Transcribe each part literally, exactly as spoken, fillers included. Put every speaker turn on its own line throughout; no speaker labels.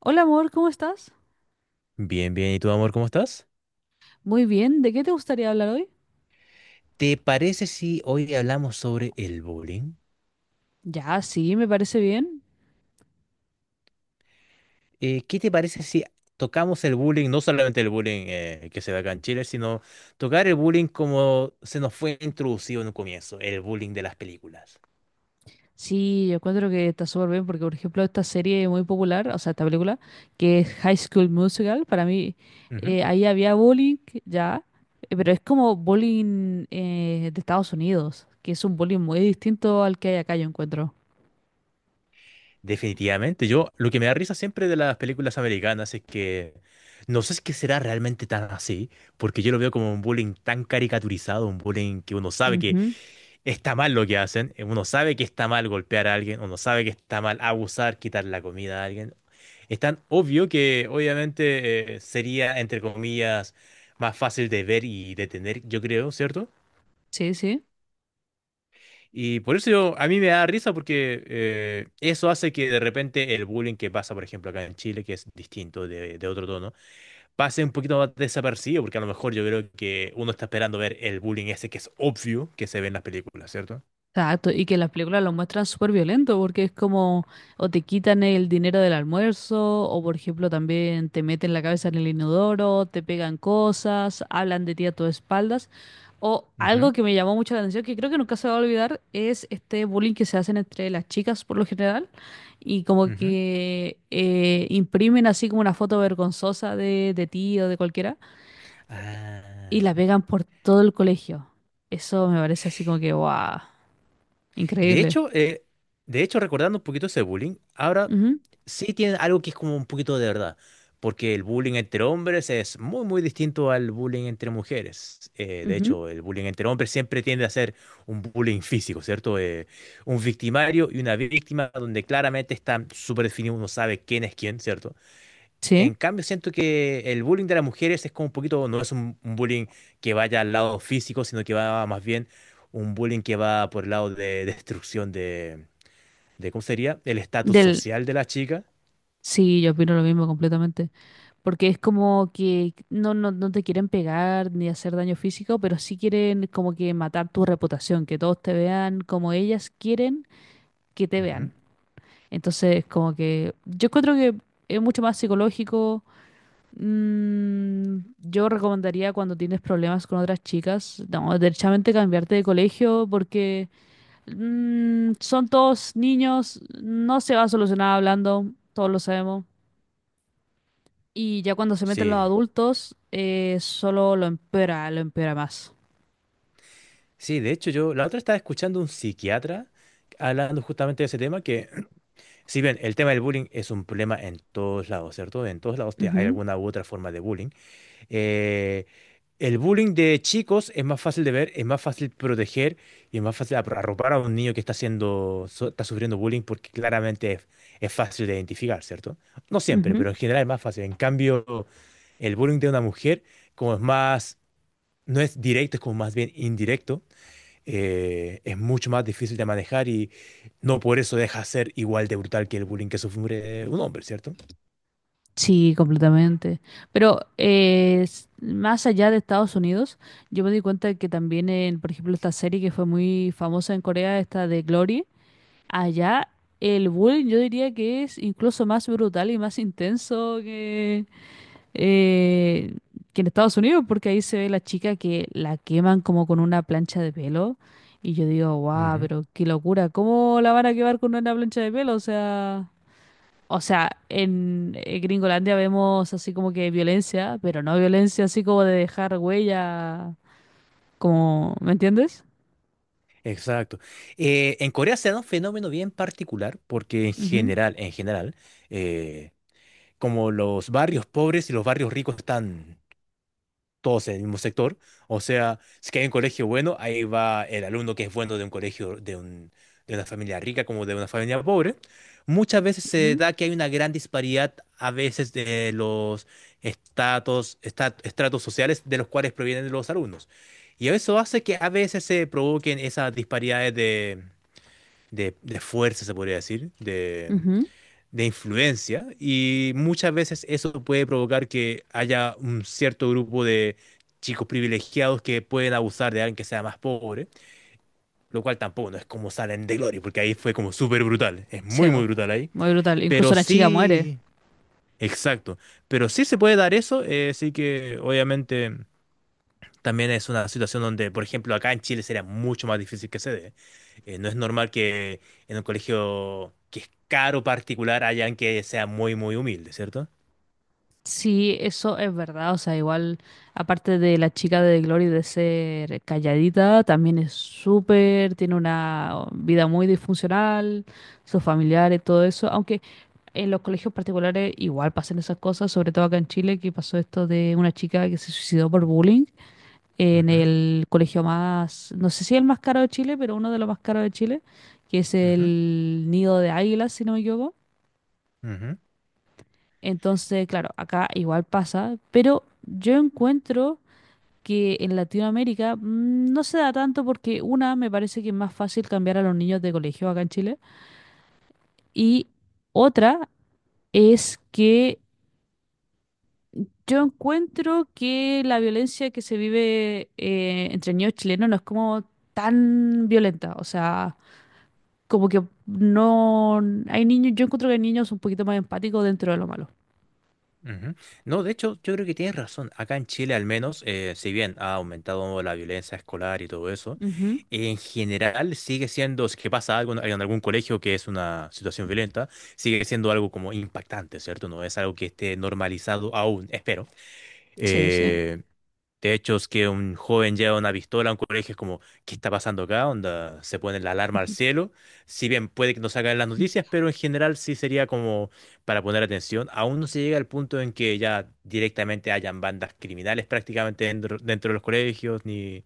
Hola amor, ¿cómo estás?
Bien, bien. ¿Y tú, amor, cómo estás?
Muy bien, ¿de qué te gustaría hablar hoy?
¿Te parece si hoy hablamos sobre el bullying?
Ya, sí, me parece bien.
Eh, ¿qué te parece si tocamos el bullying, no solamente el bullying eh, que se da acá en Chile, sino tocar el bullying como se nos fue introducido en un comienzo, el bullying de las películas?
Sí, yo encuentro que está súper bien porque, por ejemplo, esta serie muy popular, o sea, esta película, que es High School Musical, para mí
Ujú.
eh, ahí había bullying, ya, eh, pero es como bullying eh, de Estados Unidos, que es un bullying muy distinto al que hay acá, yo encuentro.
Definitivamente, yo lo que me da risa siempre de las películas americanas es que no sé si que será realmente tan así, porque yo lo veo como un bullying tan caricaturizado, un bullying que uno sabe que
Ujú,
está mal lo que hacen. eh, Uno sabe que está mal golpear a alguien, uno sabe que está mal abusar, quitar la comida a alguien. Es tan obvio que obviamente eh, sería, entre comillas, más fácil de ver y detener, yo creo, ¿cierto?
sí, sí.
Y por eso yo- a mí me da risa porque eh, eso hace que de repente el bullying que pasa, por ejemplo, acá en Chile, que es distinto de, de otro tono, pase un poquito más desapercibido, porque a lo mejor yo creo que uno está esperando ver el bullying ese que es obvio que se ve en las películas, ¿cierto?
Exacto, y que las películas lo muestran súper violento porque es como o te quitan el dinero del almuerzo o por ejemplo también te meten la cabeza en el inodoro, te pegan cosas, hablan de ti a tus espaldas o
Ujú,
algo que me llamó mucho la atención que creo que nunca se va a olvidar es este bullying que se hacen entre las chicas por lo general y como
ujú.
que eh, imprimen así como una foto vergonzosa de, de ti o de cualquiera y la
Ah.
pegan por todo el colegio. Eso me parece así como que, wow,
De
increíble.
hecho, eh, de hecho, recordando un poquito ese bullying, ahora
Ujú,
sí tiene algo que es como un poquito de verdad, porque el bullying entre hombres es muy, muy distinto al bullying entre mujeres. Eh, de
ujú.
hecho, el bullying entre hombres siempre tiende a ser un bullying físico, ¿cierto? Eh, un victimario y una víctima donde claramente están súper definidos, uno sabe quién es quién, ¿cierto? En
Sí,
cambio, siento que el bullying de las mujeres es como un poquito, no es un, un bullying que vaya al lado físico, sino que va más bien un bullying que va por el lado de destrucción de, de ¿cómo sería? El estatus
del,
social de la chica.
sí, yo opino lo mismo completamente, porque es como que no, no, no te quieren pegar ni hacer daño físico, pero sí quieren como que matar tu reputación, que todos te vean como ellas quieren que te
Ujú.
vean. Entonces, como que yo encuentro que es mucho más psicológico. mm, yo recomendaría cuando tienes problemas con otras chicas, no, derechamente cambiarte de colegio porque Mm, son todos niños, no se va a solucionar hablando, todos lo sabemos. Y ya cuando se meten los
Sí,
adultos, eh, solo lo empeora, lo empeora más.
sí, de hecho yo la otra estaba escuchando un psiquiatra hablando justamente de ese tema, que si bien el tema del bullying es un problema en todos lados, ¿cierto? En todos lados te- hay
Ujú,
alguna u otra forma de bullying. Eh, el bullying de chicos es más fácil de ver, es más fácil proteger y es más fácil apro- arropar a un niño que está haciendo, su- está sufriendo bullying porque claramente es, es fácil de identificar, ¿cierto? No siempre,
ujú.
pero en general es más fácil. En cambio, el bullying de una mujer, como es más, no es directo, es como más bien indirecto, eh, es mucho más difícil de manejar y no por eso deja de ser igual de brutal que el bullying que sufre un hombre, ¿cierto?
Sí, completamente. Pero eh, s- más allá de Estados Unidos, yo me di cuenta de que también en, por ejemplo, esta serie que fue muy famosa en Corea, esta de Glory, allá el bullying yo diría que es incluso más brutal y más intenso eh, que en Estados Unidos, porque ahí se ve la chica que la queman como con una plancha de pelo. Y yo digo, guau, pero qué locura, ¿cómo la van a quemar con una plancha de pelo? O sea, o sea, en eh, Gringolandia vemos así como que violencia, pero no violencia así como de dejar huella, como, ¿me entiendes?
Exacto. Eh, en Corea se da un fenómeno bien particular porque en
Ujú,
general, en general, eh, como los barrios pobres y los barrios ricos están todos en el mismo sector. O sea, si que hay un colegio bueno, ahí va el alumno que es bueno de un colegio, de un, de una familia rica como de una familia pobre. Muchas veces se da que hay una gran disparidad a veces de los estatus, esta- estratos sociales de los cuales provienen los alumnos. Y eso hace que a veces se provoquen esas disparidades de, de, de fuerza, se podría decir,
ujú,
de
ujú.
influencia y muchas veces eso puede provocar que haya un cierto grupo de chicos privilegiados que pueden abusar de alguien que sea más pobre, lo cual tampoco no es como salen de Gloria, porque ahí fue como súper brutal, es
Sí,
muy muy
bo.
brutal ahí,
Muy brutal. Incluso
pero
la chica muere.
sí, exacto, pero sí se puede dar eso, eh, sí que obviamente también es una situación donde, por ejemplo, acá en Chile sería mucho más difícil que se dé. Eh, no es normal que en un colegio que es caro particular haya alguien que sea muy muy humilde, ¿cierto?
Sí, eso es verdad. O sea, igual, aparte de la chica de Glory de ser calladita, también es súper, tiene una vida muy disfuncional, sus familiares, todo eso. Aunque en los colegios particulares igual pasan esas cosas, sobre todo acá en Chile, que pasó esto de una chica que se suicidó por bullying en
Ujú,
el colegio más, no sé si el más caro de Chile, pero uno de los más caros de Chile, que es
ujú,
el Nido de Águilas, si no me equivoco.
ujú,
Entonces, claro, acá igual pasa, pero yo encuentro que en Latinoamérica mm, no se da tanto porque una, me parece que es más fácil cambiar a los niños de colegio acá en Chile y otra es que yo encuentro que la violencia que se vive eh, entre niños chilenos no es como tan violenta, o sea, como que no hay niños, yo encuentro que hay niños un poquito más empáticos dentro de lo malo.
ujú. No, de hecho, yo creo que tienes razón. Acá en Chile, al menos, eh, si bien ha aumentado la violencia escolar y todo eso,
Ujú.
en general sigue siendo, si es que pasa algo en en algún colegio que es una situación violenta, sigue siendo algo como impactante, ¿cierto? No es algo que esté normalizado aún, espero.
Sí, sí.
Eh, De hecho, es que un joven lleva una pistola a un colegio, es como, ¿qué está pasando acá? Onda, se pone la alarma al
Ujú.
cielo. Si bien puede que no salga en las noticias, pero en general sí sería como para poner atención. Aún no se llega al punto en que ya directamente hayan bandas criminales prácticamente dentro, dentro de los colegios, ni,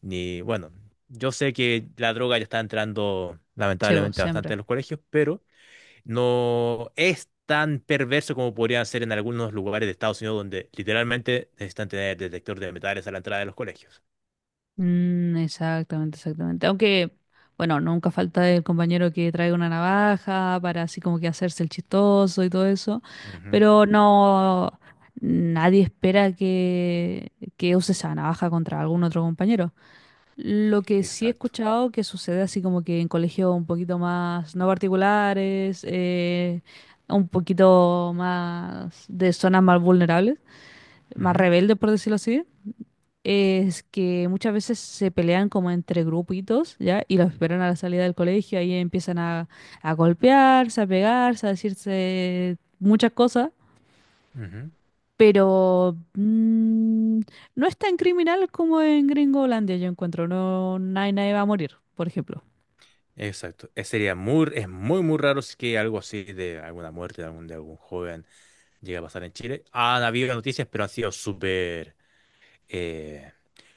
ni, bueno, yo sé que la droga ya está entrando
Sí, vos,
lamentablemente bastante
siempre.
en los colegios, pero no es tan perverso como podría ser en algunos lugares de Estados Unidos donde literalmente necesitan tener detector de metales a la entrada de los colegios.
Mm, exactamente, exactamente. Aunque, bueno, nunca falta el compañero que trae una navaja para así como que hacerse el chistoso y todo eso.
Ujú,
Pero no, nadie espera que, que use esa navaja contra algún otro compañero. Lo que sí he
exacto.
escuchado que sucede así como que en colegios un poquito más no particulares, eh, un poquito más de zonas más vulnerables, más
Ujú,
rebeldes, por decirlo así es que muchas veces se pelean como entre grupitos, ¿ya? Y los esperan a la salida del colegio, ahí empiezan a, a golpearse, a pegarse, a decirse muchas cosas,
ujú,
pero mm, no es tan criminal como en Gringolandia, yo encuentro, no, nadie, nadie va a morir, por ejemplo.
exacto. Es, sería muy, es muy, muy raro si que algo así de alguna muerte de algún, de algún joven llegue a pasar en Chile. Han habido noticias, pero han sido súper eh,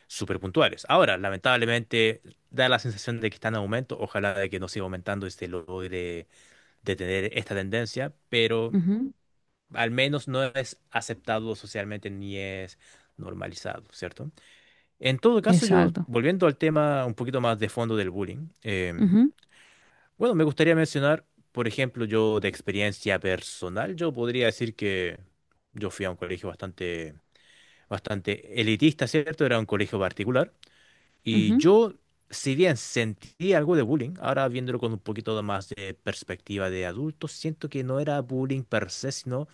súper puntuales. Ahora, lamentablemente, da la sensación de que está en aumento. Ojalá de que no siga aumentando y se logre detener esta tendencia, pero
Ujú,
al menos no es aceptado socialmente ni es normalizado, ¿cierto? En todo caso, yo,
exacto.
volviendo al tema un poquito más de fondo del bullying, eh,
Ujú,
bueno, me gustaría mencionar, por ejemplo, yo de experiencia personal, yo podría decir que yo fui a un colegio bastante, bastante elitista, ¿cierto? Era un colegio particular y
ujú,
yo, si bien sentí algo de bullying, ahora viéndolo con un poquito más de perspectiva de adulto, siento que no era bullying per se, sino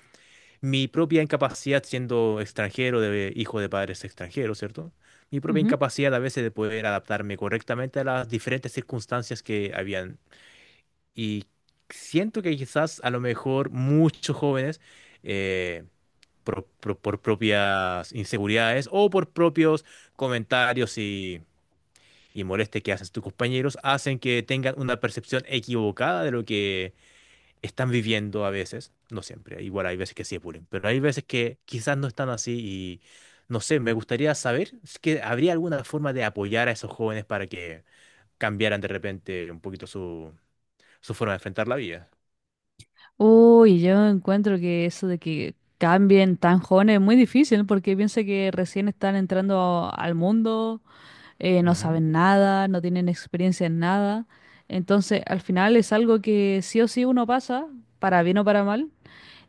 mi propia incapacidad siendo extranjero, de, hijo de padres extranjeros, ¿cierto? Mi propia
ujú.
incapacidad a veces de poder adaptarme correctamente a las diferentes circunstancias que habían. Y siento que quizás a lo mejor muchos jóvenes, eh, por, por- por propias inseguridades o por propios comentarios y, y molestias que hacen tus compañeros, hacen que tengan una percepción equivocada de lo que están viviendo a veces, no siempre, igual hay veces que sí apuren, pero hay veces que quizás no están así y no sé, me gustaría saber si que habría alguna forma de apoyar a esos jóvenes para que cambiaran de repente un poquito su, su, forma de enfrentar la vida.
Uy, yo encuentro que eso de que cambien tan jóvenes es muy difícil porque piensa que recién están entrando al mundo eh, no
Ujú,
saben nada, no tienen experiencia en nada. Entonces, al final es algo que sí o sí uno pasa, para bien o para mal.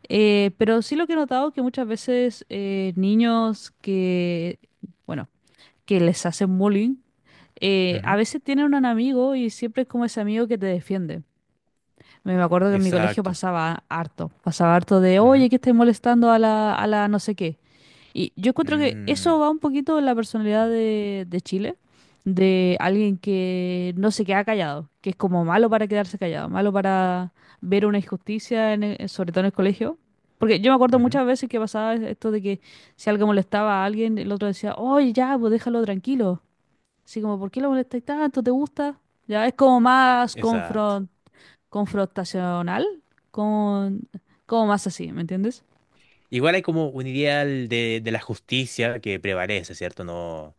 Eh, pero sí lo que he notado que muchas veces eh, niños que, bueno, que les hacen bullying, eh, a
ujú,
veces tienen un amigo y siempre es como ese amigo que te defiende. Me acuerdo que en mi colegio
exacto.
pasaba harto, pasaba harto de, oye,
Ujú,
que estáis molestando a la, a la no sé qué. Y yo encuentro que eso
mm,
va un poquito en la personalidad de, de Chile, de alguien que no se queda callado, que es como malo para quedarse callado, malo para ver una injusticia, en el- sobre todo en el colegio. Porque yo me acuerdo
ujú,
muchas veces que pasaba esto de que si algo molestaba a alguien, el otro decía, oye, ya, pues déjalo tranquilo. Así como, ¿por qué lo molestáis tanto? ¿Te gusta? Ya es como más
exacto.
confrontacional confrontacional, como, como más así, ¿me entiendes?
Igual hay como un ideal de, de la justicia que prevalece, ¿cierto? No,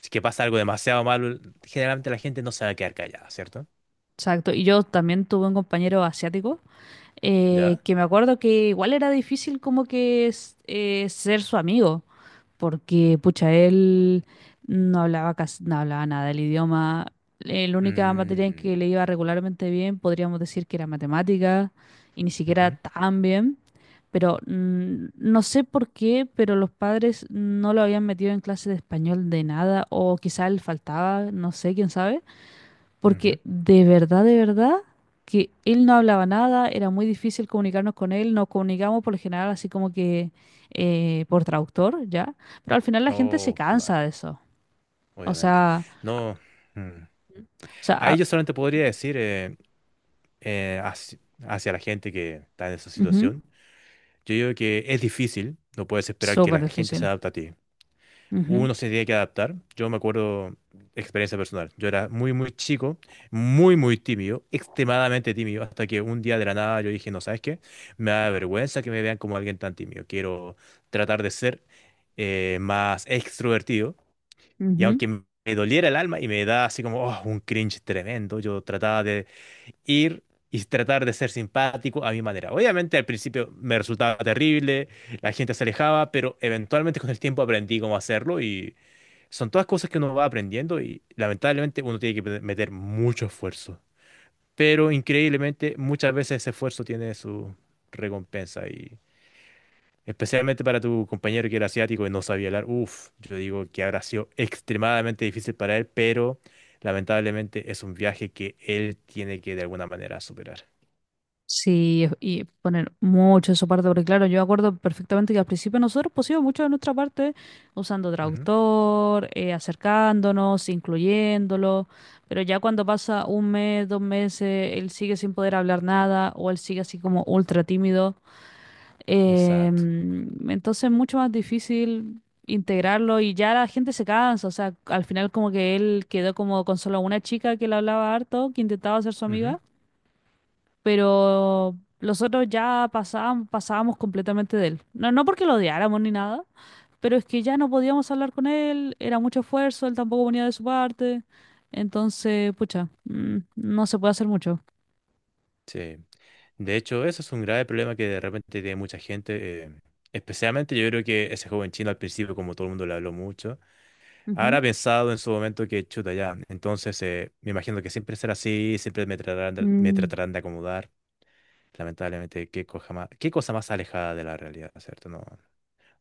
si que pasa algo demasiado malo, generalmente la gente no se va a quedar callada, ¿cierto?
Exacto, y yo también tuve un compañero asiático eh,
¿Ya?
que me acuerdo que igual era difícil como que es- eh, ser su amigo. Porque pucha, él no hablaba casi, no hablaba nada del idioma. Eh, La única materia en
Mm,
que le iba regularmente bien, podríamos decir que era matemática, y ni siquiera
ujú,
tan bien. Pero mm, no sé por qué, pero los padres no lo habían metido en clase de español de nada, o quizá él faltaba, no sé, quién sabe.
ujú.
Porque de verdad, de verdad, que él no hablaba nada, era muy difícil comunicarnos con él, nos comunicamos por lo general así como que eh, por traductor, ¿ya? Pero al final la gente se
Oh, qué mal,
cansa de eso. O
obviamente.
sea,
No, mm.
o sea,
Ahí
ah,
yo solamente podría decir eh, eh, hacia, hacia la gente que está en esa
ujú,
situación, yo digo que es difícil, no puedes esperar que
súper
la gente se
difícil.
adapte a ti.
Ujú,
Uno se tiene que adaptar. Yo me acuerdo, experiencia personal, yo era muy, muy chico, muy, muy tímido, extremadamente tímido, hasta que un día de la nada yo dije, no, ¿sabes qué? Me da vergüenza que me vean como alguien tan tímido. Quiero tratar de ser eh, más extrovertido. Y
ujú.
aunque m- me doliera el alma y me da así como oh, un cringe tremendo, yo trataba de ir y tratar de ser simpático a mi manera. Obviamente al principio me resultaba terrible, la gente se alejaba, pero eventualmente con el tiempo aprendí cómo hacerlo y son todas cosas que uno va aprendiendo y lamentablemente uno tiene que meter mucho esfuerzo. Pero increíblemente muchas veces ese esfuerzo tiene su recompensa. Especialmente para tu compañero que era asiático y no sabía hablar. Uf, yo digo que habrá sido extremadamente difícil para él, pero lamentablemente es un viaje que él tiene que de alguna manera superar.
Sí, y poner mucho de su parte, porque claro, yo acuerdo perfectamente que al principio nosotros pusimos mucho de nuestra parte usando
Ujú,
traductor, eh, acercándonos, incluyéndolo, pero ya cuando pasa un mes, dos meses, él sigue sin poder hablar nada o él sigue así como ultra tímido, eh,
exacto.
entonces es mucho más difícil integrarlo y ya la gente se cansa, o sea, al final como que él quedó como con solo una chica que le hablaba harto, que intentaba ser su
Ujú,
amiga pero los otros ya pasábamos, pasábamos completamente de él. No, no porque lo odiáramos ni nada, pero es que ya no podíamos hablar con él, era mucho esfuerzo, él tampoco ponía de su parte, entonces, pucha, mm, no se puede hacer mucho.
sí. De hecho, eso es un grave problema que de repente tiene mucha gente. eh, especialmente yo creo que ese joven chino al principio, como todo el mundo le habló mucho, habrá
Ujú.
pensado en su momento que chuta ya. Entonces, eh, me imagino que siempre será así, siempre me tratarán de, me
Mm,
tratarán de acomodar. Lamentablemente, qué cosa más, qué cosa más alejada de la realidad, ¿cierto? No,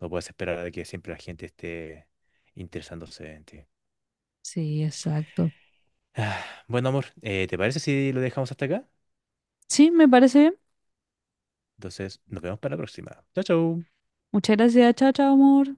no puedes esperar de que siempre la gente esté interesándose en ti.
sí, exacto.
Ah, bueno, amor, eh, ¿te parece si lo dejamos hasta acá?
Sí, me parece bien.
Entonces, nos vemos para la próxima. Chao, chao.
Muchas gracias, chao, chao, amor.